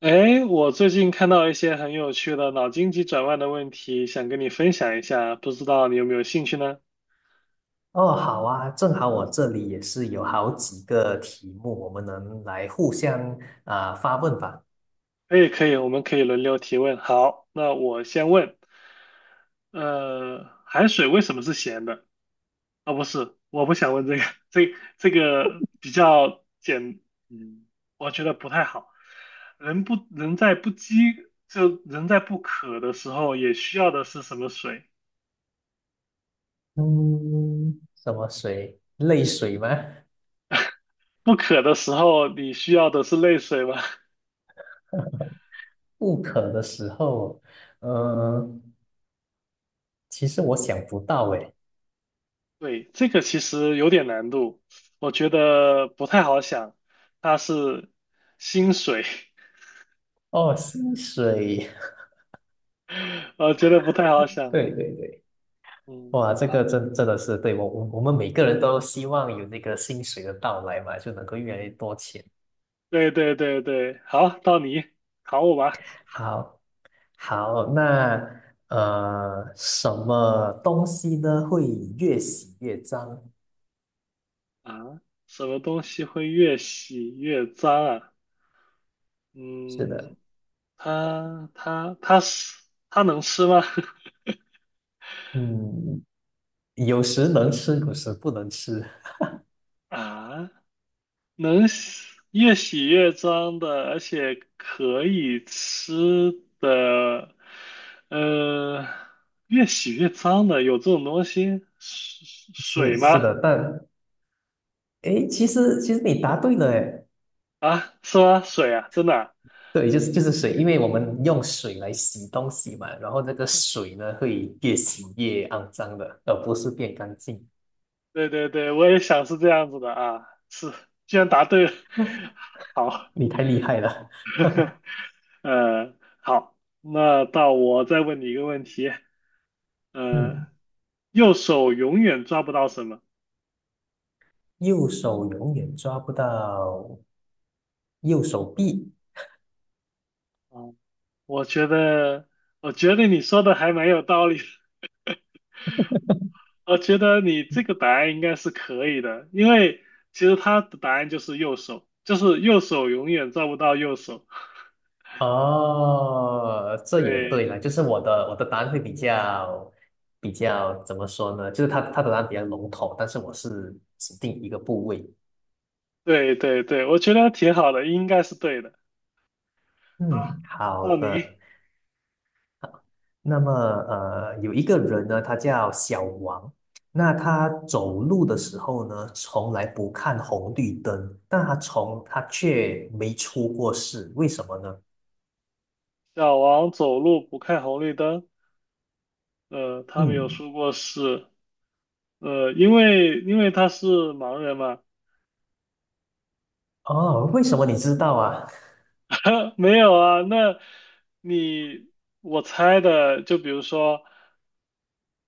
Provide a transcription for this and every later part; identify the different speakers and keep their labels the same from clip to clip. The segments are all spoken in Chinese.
Speaker 1: 哎，我最近看到一些很有趣的脑筋急转弯的问题，想跟你分享一下，不知道你有没有兴趣呢？
Speaker 2: 哦，好啊，正好我这里也是有好几个题目，我们能来互相发问吧。
Speaker 1: 可以，可以，我们可以轮流提问。好，那我先问，海水为什么是咸的？啊、不是，我不想问这个，这这个比较简，嗯，我觉得不太好。人不人在不饥，就人在不渴的时候，也需要的是什么水？
Speaker 2: 嗯，什么水？泪水吗？
Speaker 1: 不渴的时候，你需要的是泪水吗？
Speaker 2: 不渴的时候，呃，其实我想不到诶。
Speaker 1: 对，这个其实有点难度，我觉得不太好想。它是薪水，
Speaker 2: 哦，薪水，
Speaker 1: 我觉得不太好 想。
Speaker 2: 对对对，
Speaker 1: 嗯，
Speaker 2: 哇，这个
Speaker 1: 好，
Speaker 2: 真的是对我们每个人都希望有那个薪水的到来嘛，就能够越来越多钱。
Speaker 1: 对对对对，好，到你考我吧。
Speaker 2: 好，好，那什么东西呢会越洗越脏？
Speaker 1: 啊，什么东西会越洗越脏啊？
Speaker 2: 是的，
Speaker 1: 嗯，它它能吃吗？
Speaker 2: 嗯，有时能吃，有时不能吃。
Speaker 1: 啊，能洗越洗越脏的，而且可以吃的，呃，越洗越脏的，有这种东西？水
Speaker 2: 是
Speaker 1: 水
Speaker 2: 是
Speaker 1: 吗？
Speaker 2: 的，但诶，其实你答对了，诶，
Speaker 1: 啊，是吗？水啊，真的啊
Speaker 2: 对，就是水，因为我们用水来洗东西嘛，然后那个水呢会越洗越肮脏的，而不是变干净。
Speaker 1: 对对对，我也想是这样子的啊，是，居然答对了，好，
Speaker 2: 你太厉害了，
Speaker 1: 呃，好，那到我再问你一个问题，嗯，
Speaker 2: 嗯，
Speaker 1: 右手永远抓不到什么？
Speaker 2: 右手永远抓不到右手臂。
Speaker 1: 啊？我觉得，我觉得你说的还蛮有道理的 我觉得你这个答案应该是可以的，因为其实他的答案就是右手，就是右手永远照不到右手。
Speaker 2: 哦，这也
Speaker 1: 对，
Speaker 2: 对了，就是我的答案会比较比较怎么说呢？就是他的答案比较笼统，但是我是指定一个部位。
Speaker 1: 对，对，对，我觉得挺好的，应该是对的。啊，
Speaker 2: 嗯，好
Speaker 1: 到
Speaker 2: 的。
Speaker 1: 你，
Speaker 2: 那么有一个人呢，他叫小王，那他走路的时候呢，从来不看红绿灯，但他从他却没出过事，为什么呢？
Speaker 1: 小王走路不看红绿灯。呃，他没有
Speaker 2: 嗯，
Speaker 1: 说过是，因为他是盲人嘛。
Speaker 2: 哦，为什么你知道啊？
Speaker 1: 没有啊，那你我猜的，就比如说。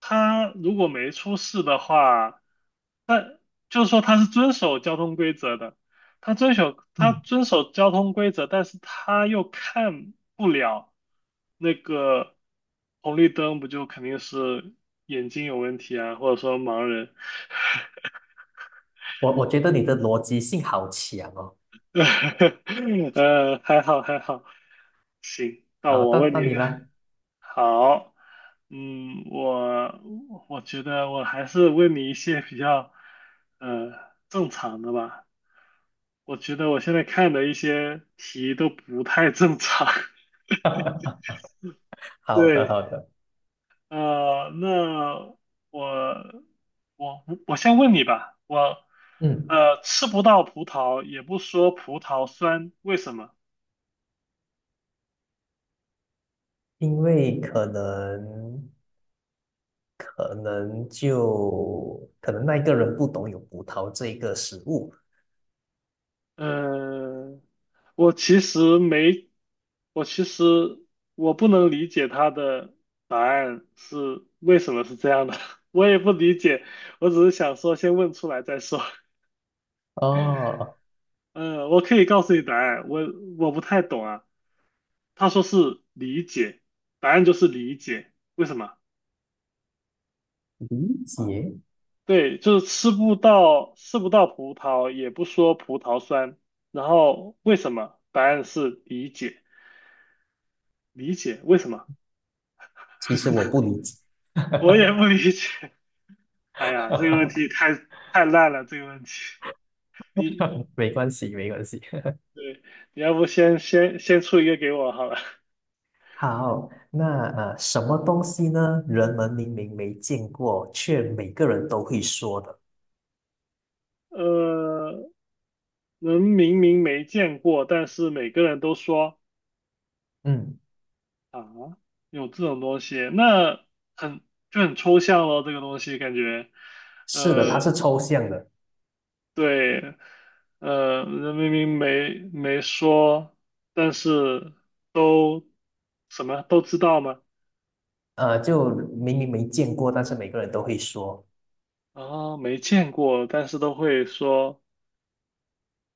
Speaker 1: 他如果没出事的话，就是说他是遵守交通规则的，他遵守他
Speaker 2: 嗯，
Speaker 1: 遵守交通规则，但是他又看不了那个红绿灯，不就肯定是眼睛有问题啊，或者说盲人？
Speaker 2: 我觉得你的逻辑性好强哦。
Speaker 1: 还好还好，行，那
Speaker 2: 好，
Speaker 1: 我
Speaker 2: 到
Speaker 1: 问
Speaker 2: 到
Speaker 1: 你一
Speaker 2: 你
Speaker 1: 个，
Speaker 2: 了。
Speaker 1: 好，嗯，我觉得我还是问你一些比较呃正常的吧。我觉得我现在看的一些题都不太正常。
Speaker 2: 好的，
Speaker 1: 对，
Speaker 2: 好的。
Speaker 1: 那我我先问你吧，我
Speaker 2: 嗯，
Speaker 1: 呃吃不到葡萄，也不说葡萄酸，为什么？
Speaker 2: 因为可能那一个人不懂有葡萄这个食物。
Speaker 1: 嗯，我其实没，我其实我不能理解他的答案是为什么是这样的，我也不理解，我只是想说先问出来再说。
Speaker 2: 哦，
Speaker 1: 嗯，我可以告诉你答案，我我不太懂啊。他说是理解，答案就是理解。为什么？
Speaker 2: 理解。
Speaker 1: 对，就是吃不到葡萄，也不说葡萄酸。然后为什么？答案是理解，理解为什么？
Speaker 2: 其实我不理解。
Speaker 1: 我也
Speaker 2: 哈
Speaker 1: 不理解。哎呀，这个问
Speaker 2: 哈
Speaker 1: 题太烂了，这个问题。
Speaker 2: 哈！
Speaker 1: 你
Speaker 2: 没关系，没关系。
Speaker 1: 对，你要不先出一个给我好了。
Speaker 2: 好，那什么东西呢？人们明明没见过，却每个人都会说的。
Speaker 1: 呃，人明明没见过，但是每个人都说
Speaker 2: 嗯，
Speaker 1: 啊，有这种东西，那很很抽象咯，这个东西感觉，
Speaker 2: 是的，它是
Speaker 1: 呃，
Speaker 2: 抽象的。
Speaker 1: 对，呃，人明明没没说，但是都什么都知道吗？
Speaker 2: 呃，就明明没见过，但是每个人都会说。
Speaker 1: 啊，没见过，但是都会说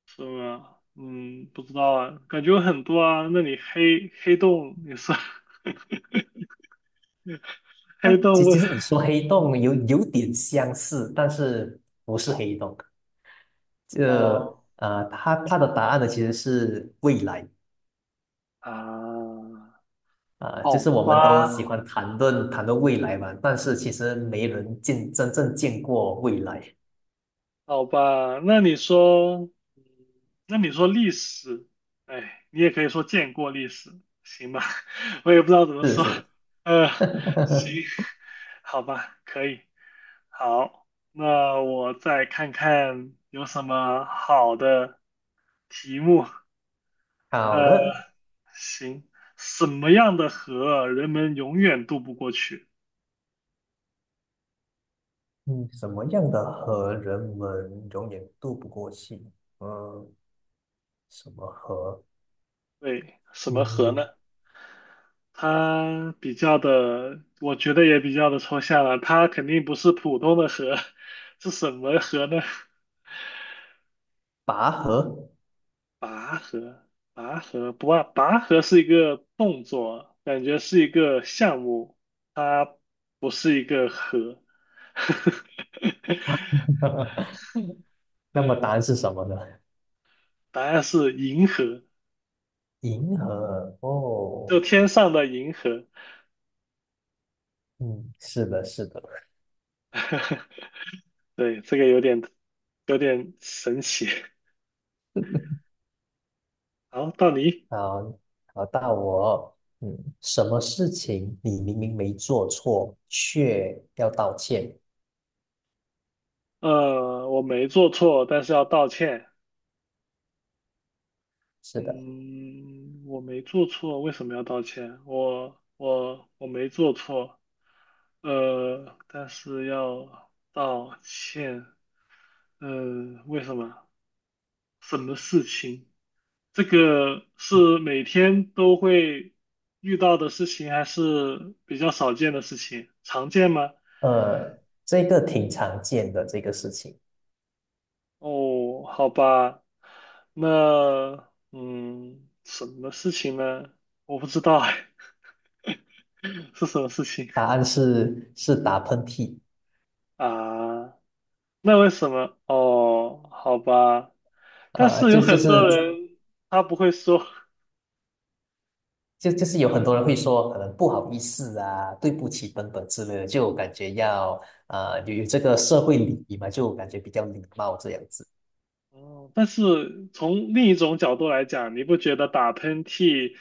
Speaker 1: 是吗？嗯，不知道啊，感觉有很多啊。那里黑洞也是
Speaker 2: 那
Speaker 1: 黑洞
Speaker 2: 其
Speaker 1: 问
Speaker 2: 其实你说黑洞有点相似，但是不是黑洞。这
Speaker 1: 哦
Speaker 2: 呃，它的答案呢其实是未来
Speaker 1: 啊，
Speaker 2: 就
Speaker 1: 好
Speaker 2: 是我们都喜
Speaker 1: 吧，
Speaker 2: 欢谈论未来嘛，但是其实没人见真正见过未来。
Speaker 1: 好吧，那你说，嗯那你说历史，哎，你也可以说见过历史，行吧？我也不知道怎么
Speaker 2: 是
Speaker 1: 说，
Speaker 2: 是，
Speaker 1: 呃，行，好吧，可以，好，那我再看看有什么好的题目，
Speaker 2: 好
Speaker 1: 呃，
Speaker 2: 的。
Speaker 1: 行，什么样的河人们永远渡不过去？
Speaker 2: 嗯，什么样的河人们永远渡不过去？嗯，什么河？
Speaker 1: 对，什么河呢？
Speaker 2: 嗯，
Speaker 1: 它比较的，我觉得也比较的抽象了。它肯定不是普通的河，是什么河呢？
Speaker 2: 拔河。
Speaker 1: 拔河，拔河不啊，拔河是一个动作，感觉是一个项目，它不是一个河。
Speaker 2: 那么答
Speaker 1: 嗯，
Speaker 2: 案是什么呢？
Speaker 1: 答案是银河，
Speaker 2: 银河哦，
Speaker 1: 就天上的银河。
Speaker 2: 嗯，是的，是的。
Speaker 1: 对，这个有点神奇。好，到你。
Speaker 2: 好，好，到我哦，嗯，什么事情你明明没做错，却要道歉？
Speaker 1: 呃，我没做错，但是要道歉。
Speaker 2: 是的，
Speaker 1: 嗯，我没做错，为什么要道歉？我没做错，呃，但是要道歉。嗯，为什么？什么事情？这个是每天都会遇到的事情，还是比较少见的事情？常见吗？
Speaker 2: 呃，这个挺常见的这个事情，
Speaker 1: 哦，好吧，那嗯，什么事情呢？我不知道哎，是什么事情
Speaker 2: 答案是打喷嚏。
Speaker 1: 啊？那为什么？哦，好吧，但
Speaker 2: 啊，
Speaker 1: 是有
Speaker 2: 就就
Speaker 1: 很多
Speaker 2: 是
Speaker 1: 人他不会说，
Speaker 2: 就就是有很多人 会说，可能不好意思啊，对不起等等之类的，就感觉要啊有这个社会礼仪嘛，就感觉比较礼貌这样子。
Speaker 1: 哦，但是从另一种角度来讲，你不觉得打喷嚏，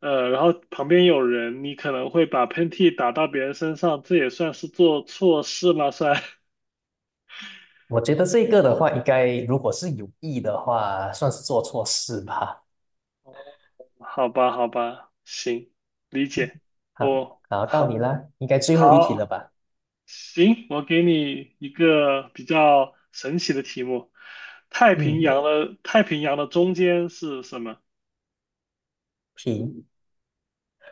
Speaker 1: 呃，然后旁边有人，你可能会把喷嚏打到别人身上，这也算是做错事吗？算？
Speaker 2: 我觉得这个的话，应该如果是有意的话，算是做错事吧。
Speaker 1: 好吧，好吧，行，理解。
Speaker 2: 好，
Speaker 1: 哦，
Speaker 2: 好，到你
Speaker 1: 好，
Speaker 2: 啦，应该最后一题了
Speaker 1: 好，
Speaker 2: 吧？
Speaker 1: 行，我给你一个比较神奇的题目：太平
Speaker 2: 嗯，
Speaker 1: 洋的太平洋的中间是什么？
Speaker 2: 题，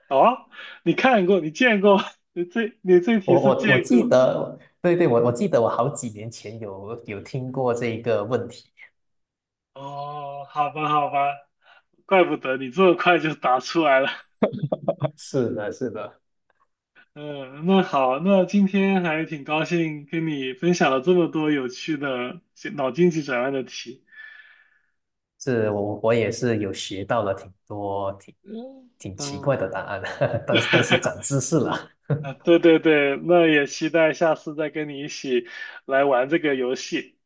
Speaker 1: 哦，你看过，你见过，你这题
Speaker 2: 我
Speaker 1: 是
Speaker 2: 我我
Speaker 1: 见
Speaker 2: 记
Speaker 1: 过。
Speaker 2: 得，对对，我记得我好几年前有听过这个问题，
Speaker 1: 哦，好吧，好吧，怪不得你这么快就答出来了。
Speaker 2: 是的，是的。
Speaker 1: 嗯，那好，那今天还挺高兴跟你分享了这么多有趣的脑筋急转弯的题。
Speaker 2: 是我也是有学到了挺多挺
Speaker 1: 嗯
Speaker 2: 挺奇怪的
Speaker 1: 嗯，
Speaker 2: 答案，但是长 知识了。
Speaker 1: 啊，对对对，那也期待下次再跟你一起来玩这个游戏。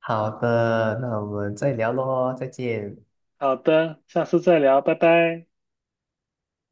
Speaker 2: 好的，那我们再聊喽，再见。
Speaker 1: 好的，下次再聊，拜拜。